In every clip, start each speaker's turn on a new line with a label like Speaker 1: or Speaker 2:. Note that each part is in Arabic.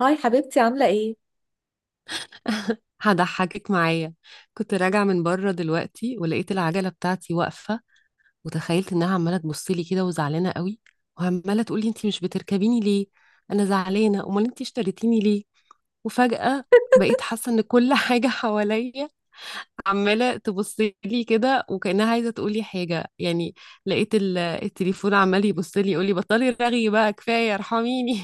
Speaker 1: هاي حبيبتي، عاملة ايه؟
Speaker 2: هضحكك معايا. كنت راجعة من بره دلوقتي ولقيت العجلة بتاعتي واقفة، وتخيلت انها عمالة تبص لي كده وزعلانة قوي، وعمالة تقول لي انتي مش بتركبيني ليه؟ انا زعلانة، امال انتي اشتريتيني ليه؟ وفجأة بقيت حاسة ان كل حاجة حواليا عمالة تبص لي كده، وكأنها عايزة تقول لي حاجة يعني. لقيت التليفون عمال يبص لي يقول لي بطلي رغي بقى، كفاية ارحميني.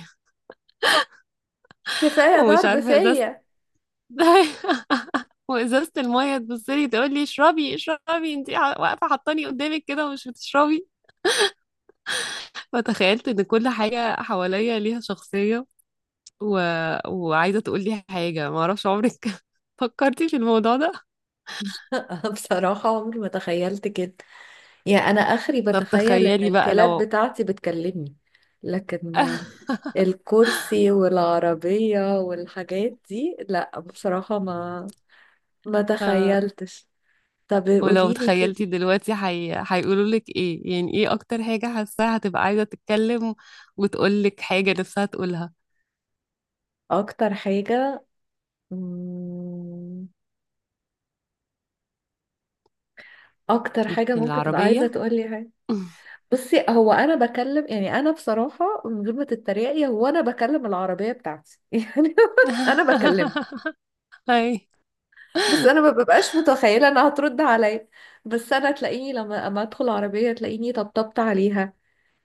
Speaker 1: كفاية
Speaker 2: ومش
Speaker 1: ضرب
Speaker 2: عارفة ازازة
Speaker 1: فيا.
Speaker 2: وازازه الميه تبص لي تقول لي اشربي اشربي، انت واقفه حطاني قدامك كده ومش بتشربي. فتخيلت ان كل حاجه حواليا ليها شخصيه و... وعايزه تقول لي حاجه. ما اعرفش عمرك فكرتي في الموضوع ده؟
Speaker 1: أنا بصراحة عمري ما تخيلت كده، يعني أنا آخري
Speaker 2: طب
Speaker 1: بتخيل إن
Speaker 2: تخيلي بقى
Speaker 1: الكلاب
Speaker 2: لو
Speaker 1: بتاعتي بتكلمني، لكن الكرسي والعربية والحاجات دي، لا بصراحة ما
Speaker 2: آه،
Speaker 1: تخيلتش. طب
Speaker 2: ولو
Speaker 1: قوليلي
Speaker 2: تخيلتي
Speaker 1: كده،
Speaker 2: دلوقتي هيقولوا لك ايه، يعني ايه اكتر حاجه حاساها هتبقى عايزه تتكلم وتقول لك حاجه نفسها تقولها؟
Speaker 1: أكتر حاجة مم، أكتر حاجة
Speaker 2: ممكن
Speaker 1: ممكن تبقى عايزة
Speaker 2: العربيه.
Speaker 1: تقولي. بصي، هو انا بكلم، يعني انا بصراحه من غير ما تتريقي، هو انا بكلم العربيه بتاعتي يعني، انا بكلمها.
Speaker 2: اي
Speaker 1: بس انا ما ببقاش متخيله انها هترد عليا. بس انا تلاقيني لما اما ادخل العربيه تلاقيني طبطبت عليها،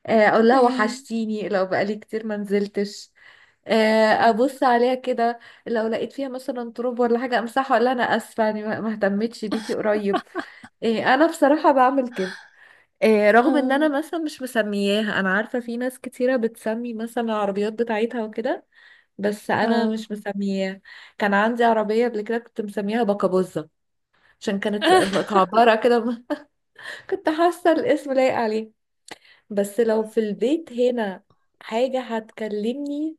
Speaker 1: اقول لها
Speaker 2: اي
Speaker 1: وحشتيني لو بقالي كتير ما نزلتش،
Speaker 2: اه
Speaker 1: ابص عليها كده. لو لقيت فيها مثلا تراب ولا حاجه امسحها، اقول لها انا اسفه، يعني ما اهتمتش بيكي قريب. إيه، انا بصراحه بعمل كده، رغم ان
Speaker 2: اه
Speaker 1: انا مثلا مش مسمياها. انا عارفة في ناس كتيرة بتسمي مثلا العربيات بتاعتها وكده، بس انا
Speaker 2: اه
Speaker 1: مش مسمياها. كان عندي عربية قبل كده كنت مسميها بكابوزة، عشان كانت مكعبرة كده. كنت حاسة الاسم لايق عليه. بس لو في البيت هنا حاجة هتكلمني،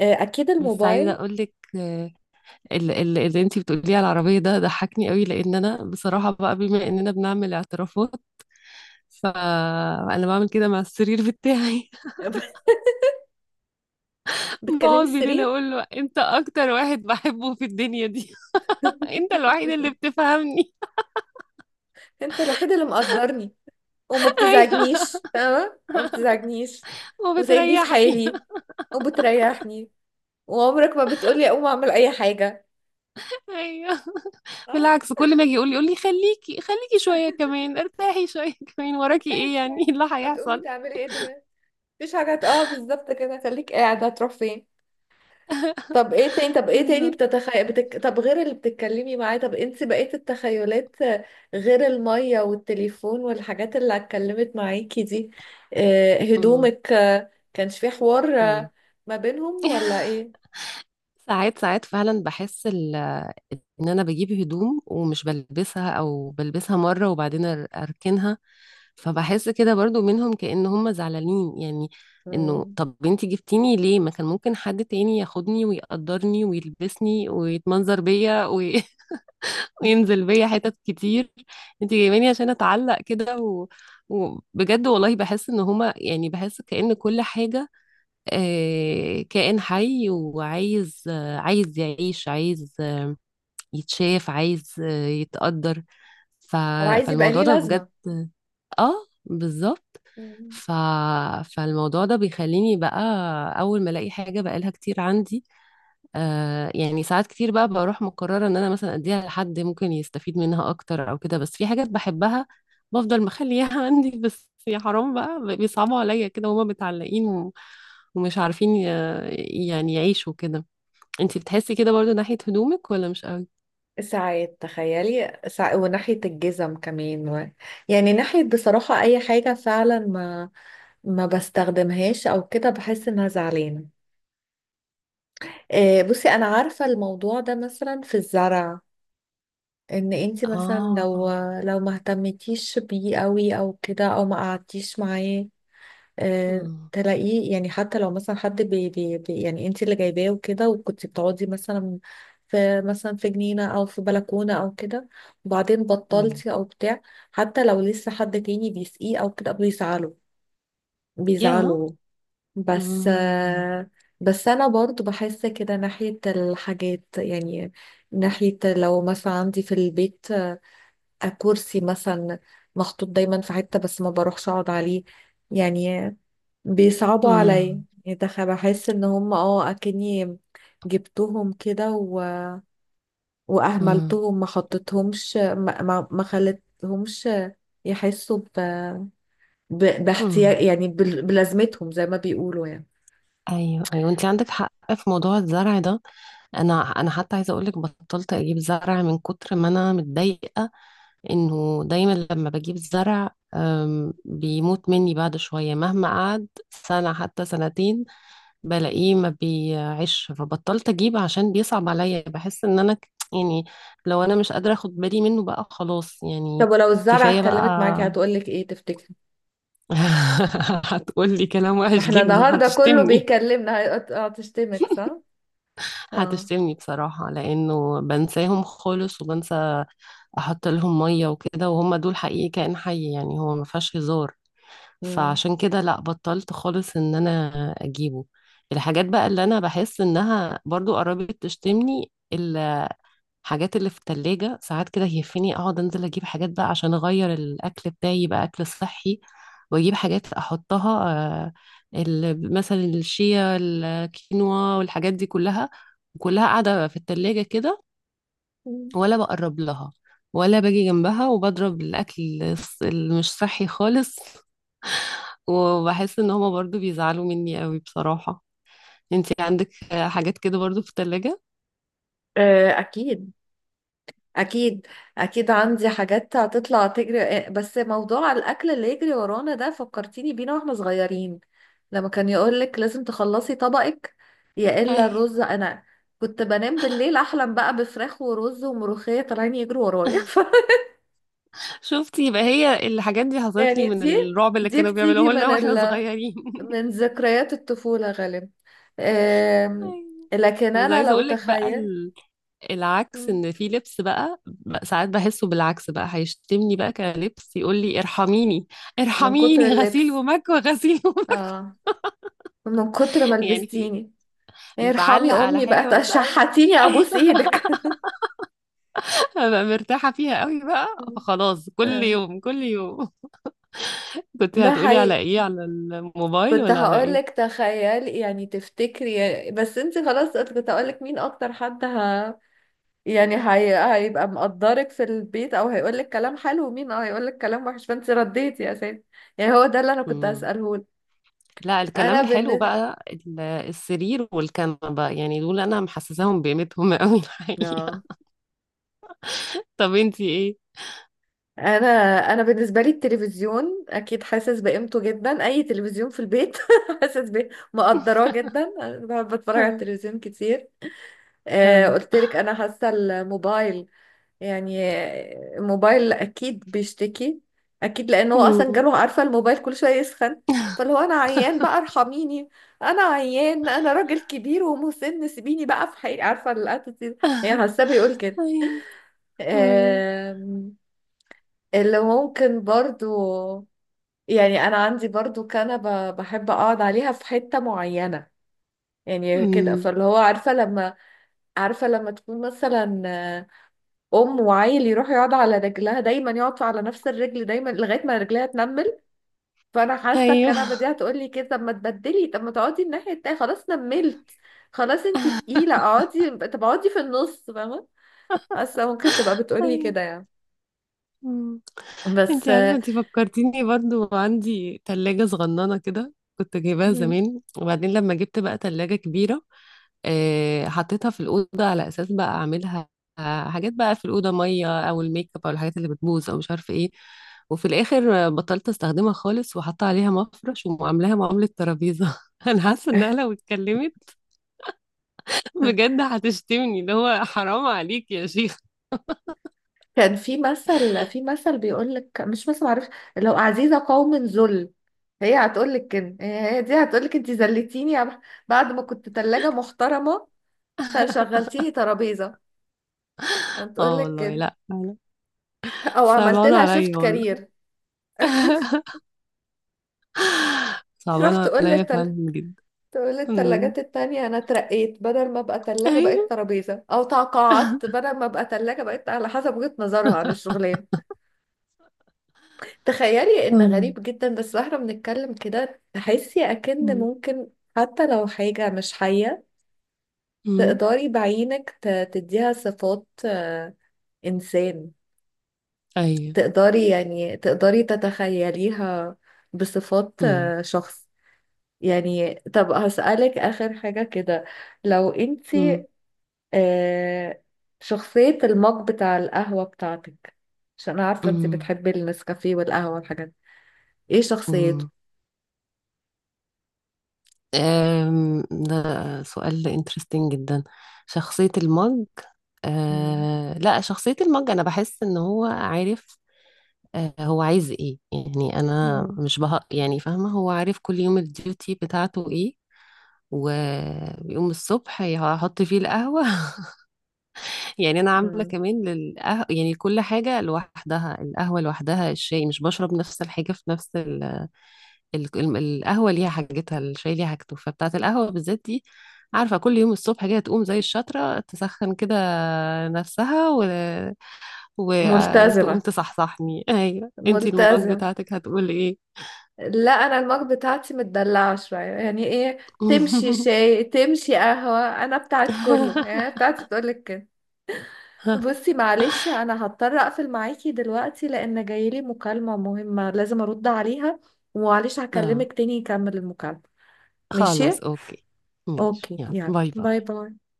Speaker 1: اكيد
Speaker 2: بس عايزه
Speaker 1: الموبايل.
Speaker 2: اقول لك، اللي انتي بتقوليه على العربيه ده ضحكني قوي، لان انا بصراحه بقى، بما اننا بنعمل اعترافات، فانا بعمل كده مع السرير بتاعي.
Speaker 1: بتكلمي
Speaker 2: بقعد بالليل
Speaker 1: السرير؟
Speaker 2: اقول له انت اكتر واحد بحبه في الدنيا دي. انت الوحيد اللي بتفهمني.
Speaker 1: انت الوحيد اللي مقدرني، وما
Speaker 2: ايوه،
Speaker 1: بتزعجنيش، فاهمة ما بتزعجنيش، وسايبني في
Speaker 2: وبتريحني.
Speaker 1: حالي، وبتريحني، وعمرك ما بتقولي اقوم اعمل اي حاجة.
Speaker 2: ايوه،
Speaker 1: اه.
Speaker 2: بالعكس، كل ما اجي يقول لي خليكي خليكي شويه كمان، ارتاحي شويه كمان، وراكي
Speaker 1: افتحي
Speaker 2: ايه يعني؟
Speaker 1: الشاي،
Speaker 2: إيه اللي
Speaker 1: هتقومي
Speaker 2: هيحصل؟
Speaker 1: تعملي ايه دلوقتي؟ مفيش حاجة بالظبط كده، خليك قاعدة، هتروح فين؟ طب ايه تاني، طب ايه تاني
Speaker 2: بالظبط.
Speaker 1: بتتخيل طب غير اللي بتتكلمي معاه، طب انت بقيت التخيلات، غير المية والتليفون والحاجات اللي اتكلمت معاكي دي، هدومك، كانش في حوار
Speaker 2: مم.
Speaker 1: ما بينهم ولا ايه؟
Speaker 2: ساعات ساعات فعلا بحس ان انا بجيب هدوم ومش بلبسها، او بلبسها مره وبعدين اركنها. فبحس كده برضو منهم كأن هم زعلانين، يعني انه
Speaker 1: مم.
Speaker 2: طب انتي جبتيني ليه؟ ما كان ممكن حد تاني ياخدني ويقدرني ويلبسني ويتمنظر بيا وينزل بيا حتت كتير. انتي جايباني عشان اتعلق كده وبجد والله بحس ان هما، يعني بحس كأن كل حاجة كائن حي وعايز، عايز يعيش، عايز يتشاف، عايز يتقدر. ف...
Speaker 1: هو عايز يبقى
Speaker 2: فالموضوع
Speaker 1: ليه
Speaker 2: ده بجد.
Speaker 1: لازمة.
Speaker 2: اه، بالظبط.
Speaker 1: مم.
Speaker 2: ف... فالموضوع ده بيخليني بقى اول ما الاقي حاجه بقالها كتير عندي، آه يعني، ساعات كتير بقى بروح مقرره ان انا مثلا اديها لحد ممكن يستفيد منها اكتر او كده، بس في حاجات بحبها بفضل مخليها عندي. بس يا حرام بقى بيصعبوا عليا كده وهما متعلقين، ومش عارفين يعني يعيشوا كده. انتي بتحسي كده برضو ناحية هدومك ولا مش قوي؟
Speaker 1: ساعات، تخيلي، ساعات وناحية الجزم كمان، و... يعني ناحية بصراحة أي حاجة فعلا ما بستخدمهاش أو كده، بحس إنها زعلانة. بصي أنا عارفة الموضوع ده مثلا في الزرع، إن أنت مثلا لو
Speaker 2: اه،
Speaker 1: ما اهتمتيش بيه قوي أو كده، أو ما قعدتيش معاه،
Speaker 2: امم،
Speaker 1: تلاقيه، يعني حتى لو مثلا حد بي يعني انت اللي جايباه وكده، وكنت بتقعدي مثلا في مثلا في جنينة او في بلكونة او كده، وبعدين
Speaker 2: امم،
Speaker 1: بطلتي او بتاع، حتى لو لسه حد تاني بيسقيه او كده، بيزعله
Speaker 2: يا،
Speaker 1: بيزعله. بس
Speaker 2: امم،
Speaker 1: آه، بس انا برضو بحس كده ناحية الحاجات يعني، ناحية لو مثلا عندي في البيت كرسي مثلا محطوط دايما في حتة، بس ما بروحش اقعد عليه يعني، بيصعبوا عليا،
Speaker 2: امم،
Speaker 1: يعني بحس ان هم اكني جبتهم كده و...
Speaker 2: امم،
Speaker 1: واهملتهم، ما حطيتهمش، ما خلتهمش يحسوا ب...
Speaker 2: امم.
Speaker 1: باحتياج، يعني بلازمتهم، زي ما بيقولوا يعني.
Speaker 2: ايوه ايوه، انتي عندك حق في موضوع الزرع ده. انا حتى عايزه اقول لك، بطلت اجيب زرع من كتر ما انا متضايقه، انه دايما لما بجيب زرع بيموت مني بعد شويه، مهما قعد سنه حتى سنتين بلاقيه ما بيعيش. فبطلت اجيب عشان بيصعب عليا، بحس ان انا يعني لو انا مش قادرة اخد بالي منه بقى خلاص يعني
Speaker 1: طب ولو الزرعة
Speaker 2: كفاية
Speaker 1: اتكلمت معاكي
Speaker 2: بقى.
Speaker 1: هتقولك ايه تفتكري؟
Speaker 2: هتقولي كلام
Speaker 1: ما
Speaker 2: وحش
Speaker 1: احنا
Speaker 2: جدا،
Speaker 1: النهارده كله
Speaker 2: هتشتمني.
Speaker 1: بيكلمنا، هتشتمك صح؟ اه.
Speaker 2: هتشتمني بصراحة، لانه بنساهم خالص، وبنسى احط لهم مية وكده، وهم دول حقيقي كائن حي، يعني هو ما فيهاش هزار.
Speaker 1: مم.
Speaker 2: فعشان كده لا، بطلت خالص ان انا اجيبه. الحاجات بقى اللي انا بحس انها برضو قربت تشتمني، حاجات اللي في التلاجة. ساعات كده يهفني اقعد انزل اجيب حاجات بقى عشان اغير الاكل بتاعي يبقى اكل صحي، واجيب حاجات احطها، مثلا الشيا، الكينوا، والحاجات دي كلها، كلها قاعدة في التلاجة كده.
Speaker 1: مم.
Speaker 2: ولا بقرب لها، ولا باجي جنبها، وبضرب الاكل اللي مش صحي خالص. وبحس ان هما برضو بيزعلوا مني قوي بصراحة. انتي عندك حاجات كده برضو في التلاجة؟
Speaker 1: اكيد، اكيد، اكيد عندي حاجات هتطلع تجري، بس موضوع الاكل اللي يجري ورانا ده فكرتيني بينا واحنا صغيرين، لما كان يقولك لازم تخلصي طبقك، يا الا الرز. انا كنت بنام بالليل احلم بقى بفراخ ورز وملوخيه طالعين يجروا ورايا.
Speaker 2: شفتي، يبقى هي الحاجات دي حصلت لي
Speaker 1: يعني
Speaker 2: من
Speaker 1: دي
Speaker 2: الرعب اللي
Speaker 1: دي
Speaker 2: كانوا
Speaker 1: بتيجي
Speaker 2: بيعملوه لنا واحنا صغيرين.
Speaker 1: من ذكريات الطفوله غالبا. آم،
Speaker 2: أيوة.
Speaker 1: لكن
Speaker 2: بس
Speaker 1: انا
Speaker 2: عايزه
Speaker 1: لو
Speaker 2: اقول لك بقى
Speaker 1: تخيل.
Speaker 2: العكس،
Speaker 1: مم،
Speaker 2: ان في لبس بقى ساعات بحسه بالعكس بقى هيشتمني، بقى كلبس يقول لي ارحميني،
Speaker 1: من كتر
Speaker 2: ارحميني، غسيل
Speaker 1: اللبس.
Speaker 2: ومكوى، غسيل ومكوى.
Speaker 1: اه من كتر ما
Speaker 2: يعني في،
Speaker 1: لبستيني، ارحمي
Speaker 2: بعلق على
Speaker 1: امي بقى،
Speaker 2: حاجه مثلا
Speaker 1: تشحتيني، ابوس ايدك.
Speaker 2: ببقى مرتاحه فيها قوي بقى، فخلاص كل
Speaker 1: آه،
Speaker 2: يوم كل يوم. كنت
Speaker 1: ده
Speaker 2: هتقولي على
Speaker 1: حقيقي.
Speaker 2: ايه، على الموبايل
Speaker 1: كنت
Speaker 2: ولا على
Speaker 1: هقولك تخيلي، يعني تفتكري يعني، بس انت خلاص، كنت هقولك مين اكتر حد يعني هيبقى مقدرك في البيت، او هيقولك كلام حلو، ومين هيقولك كلام وحش، فانت رديتي يا سيدي، يعني هو ده اللي انا كنت
Speaker 2: ايه؟
Speaker 1: هسألهولك.
Speaker 2: لا، الكلام
Speaker 1: انا
Speaker 2: الحلو
Speaker 1: بالنسبة
Speaker 2: بقى السرير والكنبة بقى، يعني دول انا محسساهم بقيمتهم قوي الحقيقة. طب انتي ايه؟
Speaker 1: انا انا بالنسبه لي التلفزيون اكيد حاسس بقيمته جدا، اي تلفزيون في البيت حاسس ب مقدراه جدا. أنا بحب اتفرج على التلفزيون كتير. آه، قلت لك انا حاسه الموبايل، يعني الموبايل اكيد بيشتكي، اكيد، لان هو اصلا
Speaker 2: أمم.
Speaker 1: جاله، عارفه الموبايل كل شويه يسخن، فاللي هو انا عيان بقى، ارحميني، انا عيان، انا راجل كبير ومسن، سيبيني بقى في حقي، عارفه الاتيتيود، يعني حاسه بيقول كده.
Speaker 2: أي- أمم.
Speaker 1: آم، اللي ممكن برضو، يعني انا عندي برضو كنبة بحب اقعد عليها في حتة معينة يعني كده، فاللي هو عارفة لما تكون مثلا ام وعيل يروح يقعد على رجلها، دايما يقعد على نفس الرجل، دايما لغاية ما رجلها تنمل، فانا حاسة الكنبة
Speaker 2: ايوه.
Speaker 1: دي هتقولي كده، طب ما تبدلي، طب ما تقعدي الناحية التانية، خلاص نملت، خلاص انتي تقيلة، اقعدي، طب اقعدي في النص، فاهمة، حاسة ممكن تبقى
Speaker 2: أيوه.
Speaker 1: بتقولي كده يعني.
Speaker 2: مم.
Speaker 1: بس
Speaker 2: انتي عارفة،
Speaker 1: آه،
Speaker 2: انتي فكرتيني برضو، عندي تلاجة صغننة كده كنت جايباها زمان، وبعدين لما جبت بقى تلاجة كبيرة، حطيتها في الأوضة على أساس بقى أعملها حاجات بقى في الأوضة، مية أو الميك اب أو الحاجات اللي بتبوظ أو مش عارفة إيه. وفي الآخر بطلت أستخدمها خالص، وحاطة عليها مفرش وعاملاها معاملة ترابيزة. أنا حاسة إنها لو اتكلمت بجد هتشتمني، اللي هو حرام عليك يا شيخ.
Speaker 1: كان في مثل، في مثل بيقول لك، مش مثل معرفش، لو عزيزة قوم ذل، هي هتقول لك كده، هي دي هتقول لك انت ذلتيني يا بعد ما كنت ثلاجة محترمة، شغلتيني ترابيزة، هتقول
Speaker 2: اه
Speaker 1: لك
Speaker 2: والله،
Speaker 1: كده،
Speaker 2: لا لا،
Speaker 1: او عملت
Speaker 2: صعبانة
Speaker 1: لها شيفت
Speaker 2: عليا والله.
Speaker 1: كارير. تروح
Speaker 2: صعبانة
Speaker 1: تقول
Speaker 2: عليا فعلا جدا.
Speaker 1: تقول
Speaker 2: أمم.
Speaker 1: للتلاجات التانية انا اترقيت، بدل ما ابقى ثلاجة بقيت
Speaker 2: أيوة.
Speaker 1: ترابيزة، او تقاعدت، بدل ما ابقى ثلاجة بقيت، على حسب وجهة نظرها عن الشغلانة. تخيلي ان
Speaker 2: أمم.
Speaker 1: غريب جدا بس واحنا بنتكلم كده تحسي اكن
Speaker 2: أمم.
Speaker 1: ممكن، حتى لو حاجة مش حية،
Speaker 2: أمم.
Speaker 1: تقدري بعينك تديها صفات انسان،
Speaker 2: أيوة.
Speaker 1: تقدري يعني تقدري تتخيليها بصفات
Speaker 2: أمم.
Speaker 1: شخص. يعني طب هسألك اخر حاجة كده، لو
Speaker 2: أمم.
Speaker 1: انتي آه، شخصية المج بتاع القهوة بتاعتك، عشان أنا عارفة انتي
Speaker 2: أمم.
Speaker 1: بتحبي النسكافيه والقهوة والحاجات دي. ايه شخصيته؟
Speaker 2: أمم. ده سؤال interesting جدا. شخصية المج.
Speaker 1: مم.
Speaker 2: أه لا، شخصية المج أنا بحس إن هو عارف. أه، هو عايز إيه، يعني أنا
Speaker 1: مم.
Speaker 2: مش بهق يعني، فاهمة؟ هو عارف كل يوم الديوتي بتاعته إيه، وبيقوم الصبح هيحط فيه القهوة. يعني انا عامله
Speaker 1: مم.
Speaker 2: كمان يعني كل حاجه لوحدها، القهوه لوحدها، الشاي مش بشرب نفس الحاجه في نفس القهوه ليها حاجتها، الشاي ليها حاجته. فبتاعه القهوه بالذات دي عارفه كل يوم الصبح كده تقوم زي الشطره تسخن كده نفسها، وتقوم
Speaker 1: ملتزمة
Speaker 2: تصحصحني. ايوه، انتي المج
Speaker 1: ملتزم.
Speaker 2: بتاعتك هتقول ايه؟
Speaker 1: لا، انا المج بتاعتي متدلعة شوية، يعني ايه، تمشي شاي تمشي قهوة، انا بتاعت كله، يعني أنا بتاعتي بتقولك كده. بصي، معلش انا هضطر اقفل معاكي دلوقتي لان جايلي مكالمة مهمة لازم ارد عليها، ومعلش
Speaker 2: اه،
Speaker 1: هكلمك تاني يكمل المكالمة.
Speaker 2: خلاص
Speaker 1: ماشي.
Speaker 2: اوكي، ماشي،
Speaker 1: اوكي
Speaker 2: يلا
Speaker 1: يلا
Speaker 2: باي
Speaker 1: باي
Speaker 2: باي.
Speaker 1: باي.